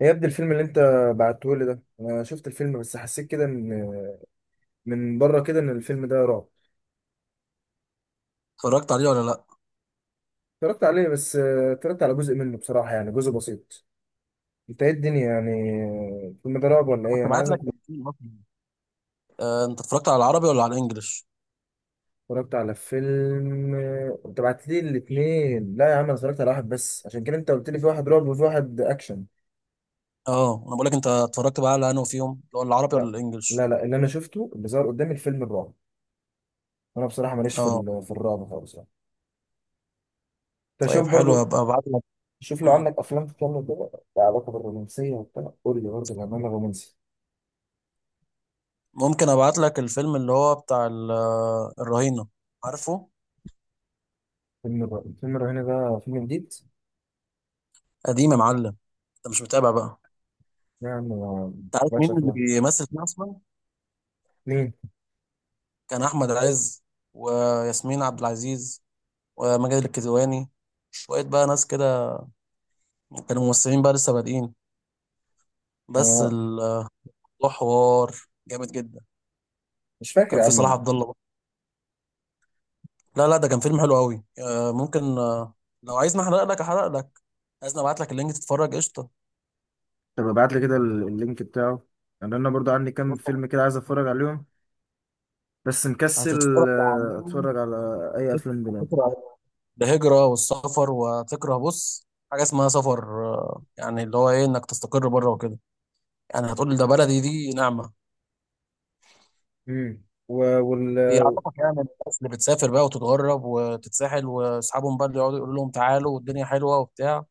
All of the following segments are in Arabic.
إيه يا ابني الفيلم اللي انت بعته لي ده، انا شفت الفيلم بس حسيت كده ان من بره كده ان الفيلم ده رعب. اتفرجت عليه ولا لا؟ اتفرجت عليه بس اتفرجت على جزء منه بصراحة، يعني جزء بسيط. انت ايه الدنيا يعني الفيلم ده رعب ولا ايه؟ كنت انا بعت عايز لك الاثنين اصلا. انت اتفرجت على العربي ولا على الانجليش؟ اتفرجت على فيلم انت بعت لي الاثنين. لا يا عم، انا اتفرجت على واحد بس، عشان كده انت قلت لي في واحد رعب وفي واحد اكشن. اه، انا بقول لك انت اتفرجت بقى على انه فيهم اللي هو العربي ولا لا. الانجليش؟ لا اللي انا شفته اللي ظهر قدامي الفيلم الرعب. انا بصراحة ماليش في اه، في الرعب خالص يعني. انت طيب شوف حلو، برضو. هبقى ابعت لك. شوف لو مم. عندك افلام تتكلم كده، لها علاقه بالرومانسيه وبتاع، قول لي برضه بأمانة رومانسي. ممكن ابعت لك الفيلم اللي هو بتاع الرهينه، عارفه؟ فيلم الرهينه ده فيلم جديد؟ قديم يا معلم، انت مش متابع بقى. يعني ما انت عارف بقتش مين اللي افلام. بيمثل فيه اصلا؟ مين؟ كان احمد عز وياسمين عبد العزيز وماجد الكدواني، شويه بقى ناس كده، كانوا ممثلين بقى لسه بادئين. بس آه، الموضوع حوار جامد جدا. مش فاكر كان يا عم في صلاح مين. عبد الله. لا لا، ده كان فيلم حلو قوي. ممكن، لو عايزني احرق لك احرق لك، عايزني ابعت لك اللينك تتفرج قشطه. طب ابعت لي كده اللينك بتاعه، لان انا برضو عندي كام بص، فيلم كده عايز اتفرج عليهم، بس هتتفرج مكسل عن اتفرج على اي افلام دلوقتي. هتكره الهجره والسفر، وهتكره بص حاجه اسمها سفر. يعني اللي هو ايه انك تستقر بره وكده. يعني هتقول ده بلدي، دي نعمه. امم و- وال بيعرفك يعني الناس اللي بتسافر بقى وتتغرب وتتساحل، واصحابهم بقى اللي يقعدوا يقولوا لهم تعالوا والدنيا حلوه وبتاع،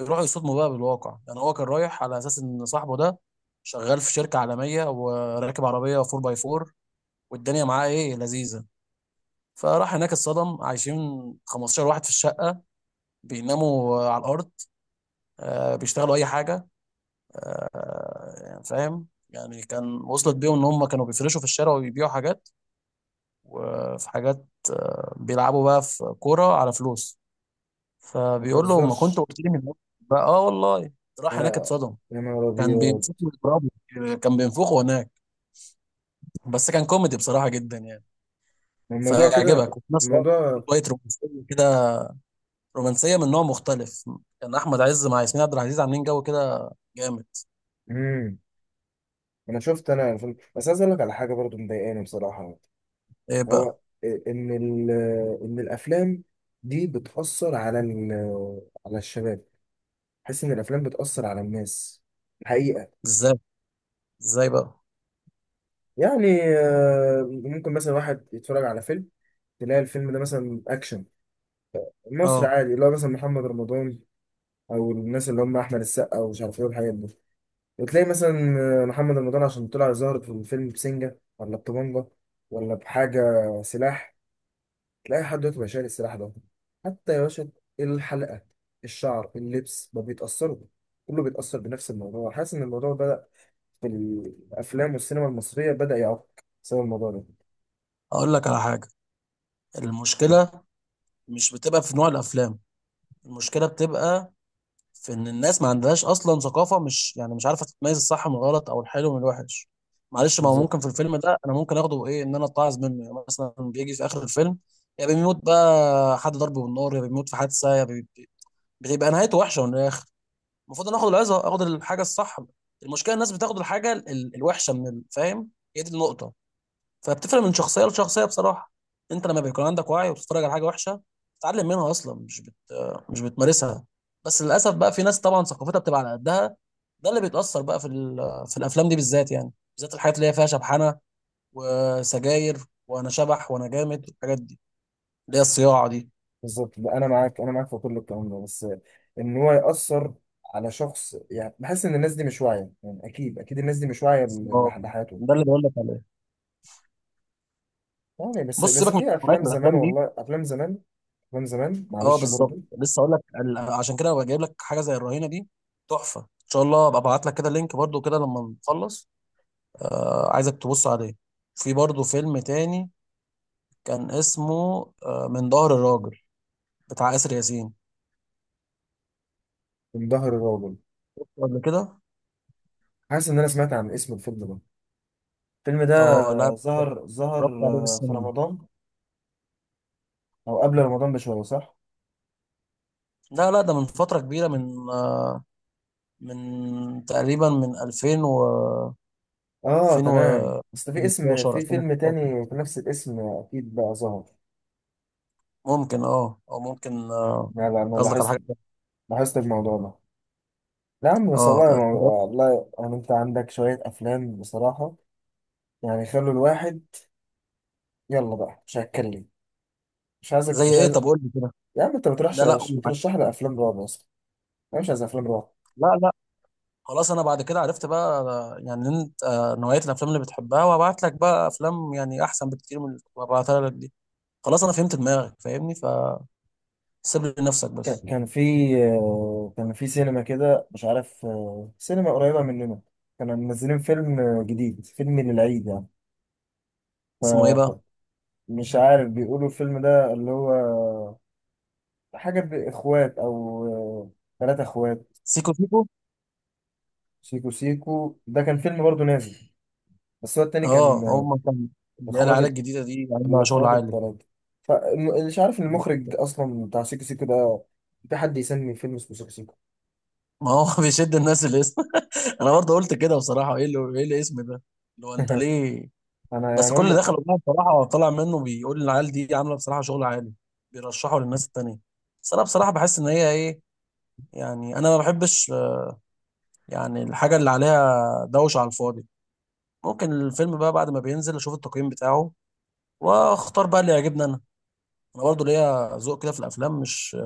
يروحوا يصدموا بقى بالواقع. يعني هو كان رايح على اساس ان صاحبه ده شغال في شركه عالميه وراكب عربيه 4 باي 4، والدنيا معاه ايه لذيذه. فراح هناك، اتصدم عايشين 15 واحد في الشقه، بيناموا على الارض، بيشتغلوا اي حاجه. يعني فاهم، يعني كان وصلت بيهم ان هم كانوا بيفرشوا في الشارع وبيبيعوا حاجات، وفي حاجات، بيلعبوا بقى في كوره على فلوس. ما فبيقول له: ما كنت تهزرش. قلت لي من الأول بقى. اه والله، راح هناك لا، اتصدم، يا نهار كان ابيض. بيمسكه ويضربه، كان بينفخه هناك. بس كان كوميدي بصراحة جدا يعني، ما الموضوع فيعجبك. كده وفي نفس الوقت في الموضوع. شوية رومانسية كده، رومانسية من نوع مختلف. كان أحمد عز مع ياسمين عبد العزيز عاملين جو كده جامد. امم انا شفت انا فيلم، بس عايز اقول لك على حاجه برضو مضايقاني بصراحه. إيه هو بقى؟ ان ان الافلام دي بتاثر على على الشباب. بحس ان الافلام بتاثر على الناس الحقيقه. إزاي؟ إزاي بقى؟ يعني ممكن مثلا واحد يتفرج على فيلم، تلاقي الفيلم ده مثلا اكشن مصر أه. عادي، اللي هو مثلا محمد رمضان او الناس اللي هم احمد السقا ومش عارف ايه والحاجات دي، وتلاقي مثلا محمد رمضان عشان طلع ظاهر في الفيلم بسنجه ولا بطبنجه ولا بحاجه، سلاح، تلاقي حد دلوقتي بقى شايل السلاح ده. حتى يا باشا الحلقة، الشعر، اللبس، ما بيتأثروا، كله بيتأثر بنفس الموضوع. حاسس إن الموضوع بدأ في الأفلام والسينما المصرية بدأ يعق بسبب الموضوع ده. أقول لك على حاجة: المشكلة مش بتبقى في نوع الأفلام، المشكلة بتبقى في ان الناس ما عندهاش اصلا ثقافه، مش عارفه تتميز الصح من الغلط او الحلو من الوحش. معلش، ما هو بالظبط. ممكن في الفيلم ده انا ممكن اخده ايه، ان انا اتعظ منه. يعني مثلا بيجي في اخر الفيلم يا بيموت بقى حد ضربه بالنار، يا بيموت في حادثه، يا بي... بتبقى نهايته وحشه من الاخر. المفروض انا اخد العظه، اخد الحاجه الصح. المشكله الناس بتاخد الحاجه الوحشه من فاهم؟ هي دي النقطه. فبتفرق من شخصيه لشخصيه بصراحه. انت لما بيكون عندك وعي وبتتفرج على حاجه وحشه، بتتعلم منها اصلا، مش بتمارسها. بس للاسف بقى في ناس طبعا ثقافتها بتبقى على قدها، ده اللي بيتاثر بقى في في الافلام دي بالذات يعني. بالذات الحاجات اللي هي فيها شبحنه وسجاير، وانا شبح وانا جامد، الحاجات دي اللي هي الصياعه دي. بالظبط، لا، أنا معاك، أنا معاك في كل الكلام ده، بس إن هو يأثر على شخص. يعني بحس إن الناس دي مش واعية، يعني أكيد أكيد الناس دي مش واعية بالظبط، لحياتهم. ده اللي بقول لك عليه. يعني بس بص، بس سيبك من في نوعيه أفلام من زمان، الافلام دي. والله أفلام زمان. أفلام زمان اه معلش بالظبط، برضه. لسه اقول لك. عشان كده بجيب لك حاجه زي الرهينه دي، تحفه ان شاء الله. ابقى ابعت لك كده لينك برضو كده لما نخلص، عايزك تبص عليه. في برضه فيلم تاني كان اسمه من ظهر الراجل، بتاع آسر ياسين. من ظهر الرجل. قبل كده، حاسس إن أنا سمعت عن اسم الفيلم ده، الفيلم ده. اه لا، ظهر. اتفرجت عليه في في السينما. رمضان او قبل رمضان بشويه، صح؟ لا لا، ده من فترة كبيرة، من تقريبا من 2000 و اه تمام، بس في اسم، 2015 في فيلم 2016، تاني في نفس الاسم اكيد بقى ظهر. ممكن. اه او ممكن، لا انا قصدك على لاحظت، حاجة تانية. لاحظت الموضوع ده. لا يا عم، بس اه والله اتفرجت. والله يعني انت عندك شويه افلام بصراحه، يعني خلوا الواحد، يلا بقى مش هتكلم. مش عايزك، زي مش ايه عايز. طب؟ قول لي كده. يا عم انت لا بترشح، لا، قول معاك. بترشح لي افلام رعب اصلا، انا مش عايز افلام رعب. لا، خلاص انا بعد كده عرفت بقى يعني انت نوعيه الافلام اللي بتحبها، وابعت لك بقى افلام يعني احسن بكتير من اللي كنت ببعتها لك دي. خلاص انا فهمت دماغك، فاهمني، فسيب لي نفسك كان بس. كان في كان في سينما كده مش عارف سينما قريبة مننا، كانوا منزلين فيلم جديد، فيلم للعيد يعني. ف- اسمه ايه ف- بقى؟ مش عارف بيقولوا الفيلم ده اللي هو حاجة بإخوات أو ثلاثة إخوات. سيكو سيكو؟ سيكو سيكو ده كان فيلم برضه نازل، بس هو التاني كان اه هم كان، اللي هي إخوات العيال الت- الجديده دي عندها شغل الإخوات عالي. التلاتة. فمش عارف المخرج أصلا بتاع سيكو سيكو ده، في حد يسمي فيلم اسمه سيكو سيكو؟ ما هو بيشد الناس الاسم. انا برضه قلت كده بصراحه: ايه اللي ايه الاسم ده؟ اللي هو انت ليه؟ أنا بس يعني كل اللي هم. دخل والله بصراحه طلع منه بيقول العيال دي عامله بصراحه شغل عالي، بيرشحوا للناس التانيه. بس انا بصراحه بحس ان هي ايه، يعني انا ما بحبش، يعني الحاجه اللي عليها دوشه على الفاضي. ممكن الفيلم بقى بعد ما بينزل اشوف التقييم بتاعه واختار بقى اللي يعجبني انا. انا برضو ليا ذوق كده في الافلام، مش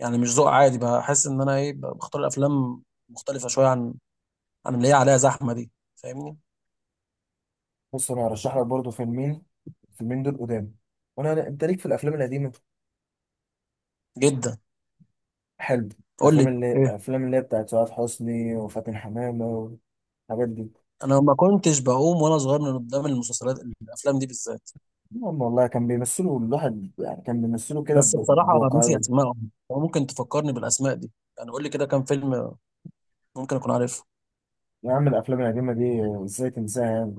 يعني مش ذوق عادي. بحس ان انا ايه، بختار الافلام مختلفه شويه عن اللي هي عليها زحمه دي. فاهمني؟ بص انا هرشح لك برضه فيلمين، الفيلمين دول قدام، وانا انت ليك في الافلام القديمه جدا. حلو. قول الافلام لي ايه. اللي هي بتاعت سعاد حسني وفاتن حمامه والحاجات دي. انا ما كنتش بقوم وانا صغير من قدام المسلسلات الافلام دي بالذات. المهم والله كان بيمثلوا، الواحد يعني كان بيمثلوا كده بس بصراحه ناسي بواقعيه. اسمائهم، ممكن تفكرني بالاسماء دي، يعني قول لي كده كام فيلم ممكن اكون عارفه. يا عم الافلام القديمه دي ازاي تنساها يعني؟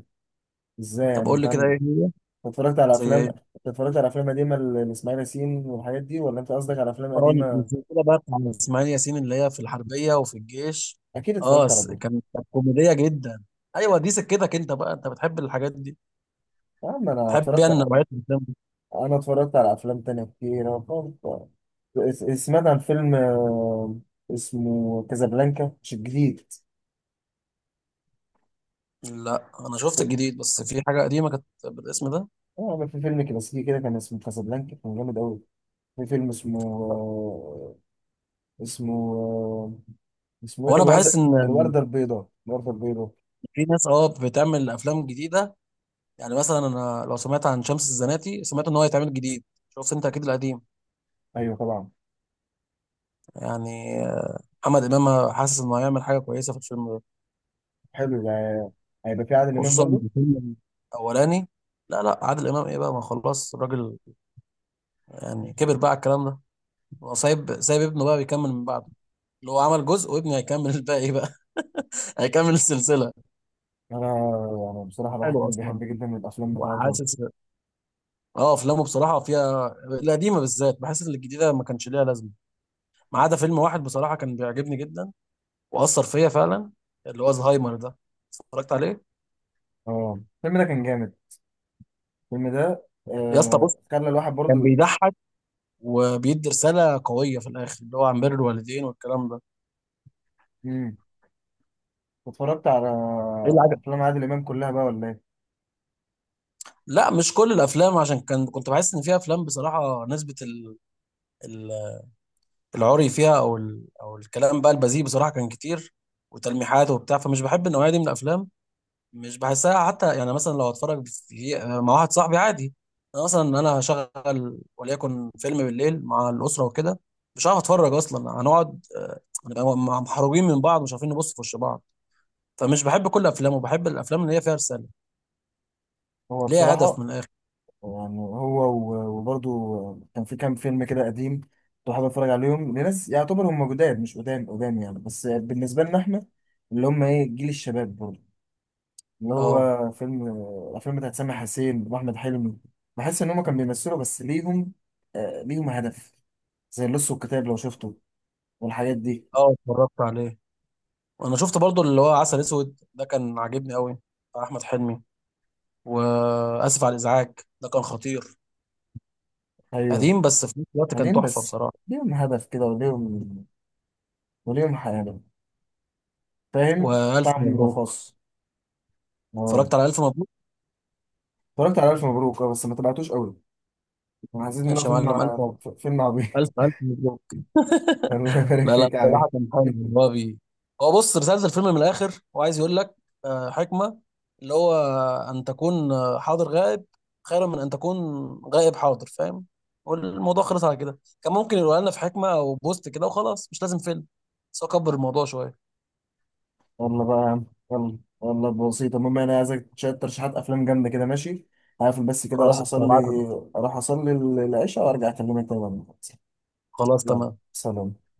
ازاي طب يعني قول انت لي كده، أنت ايه هي؟ اتفرجت على زي افلام؟ أنت إيه؟ اتفرجت على افلام قديمه لاسماعيل ياسين والحاجات دي، ولا انت قصدك على افلام اه قديمه؟ السلسله بقى بتاع اسماعيل ياسين اللي هي في الحربيه وفي الجيش. اكيد اه، اتفرجت على س- دول. كان كانت كوميديه جدا. ايوه، دي سكتك انت بقى، انت بتحب الحاجات دي، يا عم انا بتحب اتفرجت، يعني نوعيه الافلام دي. انا اتفرجت على افلام تانية كتير. أنا اتفرجت، سمعت عن فيلم اسمه كازابلانكا، مش الجديد. لا انا شفت الجديد، بس في حاجه قديمه كانت بالاسم ده. اه، في فيلم كلاسيكي كده كان اسمه كازابلانكا، كان جامد قوي. في فيلم اسمه اسمه آه، اسمه ايه ده، وانا بحس الوردة ان الوردة البيضاء، الوردة البيضاء. في ناس اه بتعمل افلام جديده، يعني مثلا انا لو سمعت عن شمس الزناتي سمعت ان هو هيتعمل جديد، شفت انت اكيد القديم. ايوه طبعا. يعني محمد امام حاسس انه هيعمل حاجه كويسه في الفيلم ده، حلو ده، هيبقى في عادل امام خصوصا إن برضه. الفيلم الاولاني. لا لا، عادل امام ايه بقى، ما خلاص الراجل، يعني كبر بقى على الكلام ده. هو سايب ابنه بقى بيكمل من بعده، اللي هو عمل جزء وابنه هيكمل الباقي بقى. هيكمل السلسله. انا انا بصراحة الواحد حلو كان اصلا، بيحب جدا الافلام بتاعته. وحاسس. اه، افلامه بصراحه فيها، القديمه بالذات، بحس ان الجديده ما كانش ليها لازمه. ما عدا فيلم واحد بصراحه كان بيعجبني جدا واثر فيا فعلا، اللي هو زهايمر ده، اتفرجت عليه؟ اه الفيلم ده كان جامد، الفيلم ده يا اسطى بص، خلى الواحد كان برضه. بيضحك وبيدي رساله قويه في الاخر اللي هو عن بر الوالدين والكلام ده. اتفرجت على ايه اللي؟ افلام عادل امام كلها بقى ولا ايه؟ لا مش كل الافلام، عشان كنت بحس ان فيها افلام بصراحه نسبه ال... العري فيها، او الكلام بقى البذيء بصراحه كان كتير، وتلميحات وبتاع. فمش بحب النوعيه دي من الافلام، مش بحسها حتى. يعني مثلا لو اتفرج مع واحد صاحبي عادي، انا مثلا انا هشغل وليكن فيلم بالليل مع الاسره وكده، مش هعرف اتفرج اصلا. هنقعد، هنبقى محروجين من بعض، مش عارفين نبص في وش بعض. فمش بحب كل الافلام، وبحب الافلام اللي هي فيها رساله، هو ليها هدف بصراحه من الاخر. يعني، هو وبرضه كان في كام فيلم كده قديم، كنت حابب اتفرج عليهم، لناس يعتبر هم جداد مش قدام يعني، بس بالنسبه لنا احنا اللي هم ايه جيل الشباب برضه. اللي اه. هو فيلم الافلام بتاعت سامح حسين واحمد حلمي، بحس ان هم كانوا بيمثلوا بس ليهم آه ليهم هدف، زي اللص والكتاب لو شفته والحاجات دي. اه اتفرجت عليه، وانا شفت برضو اللي هو عسل اسود ده كان عاجبني قوي، بتاع احمد حلمي. واسف على الازعاج، ده كان خطير، ايوه. قديم بس في نفس الوقت كان بعدين تحفه بس بصراحه. ليهم هدف كده وليهم، وليهم حياة، فاهم، والف طعم مبروك. خاص. اه اتفرجت على الف مبروك؟ اتفرجت على الف مبروك، اه، بس ما تبعتوش قوي، انا حسيت انه ماشي يا فيلم معلم، الف مبروك، فيلم عبيط. الف الف مبروك. الله يبارك لا لا، فيك يا بصراحة عمي. كان حلو. إن هو بي، هو بص، رسالة الفيلم من الآخر هو عايز يقول لك حكمة، اللي هو أن تكون حاضر غائب خير من أن تكون غائب حاضر، فاهم؟ والموضوع خلص على كده. كان ممكن يقولها لنا في حكمة أو بوست كده وخلاص، مش لازم فيلم. بس هو كبر الموضوع شوية. يلا بقى يا عم، يلا والله بسيطة، المهم انا عايزك شوية ترشيحات افلام جامدة كده، ماشي؟ هقفل بس كده اروح خلاص أنت، اصلي. هبعت لك. اروح اصلي العشاء وارجع اكلمك تاني بعد ما أخلص. خلاص يلا، تمام. سلام.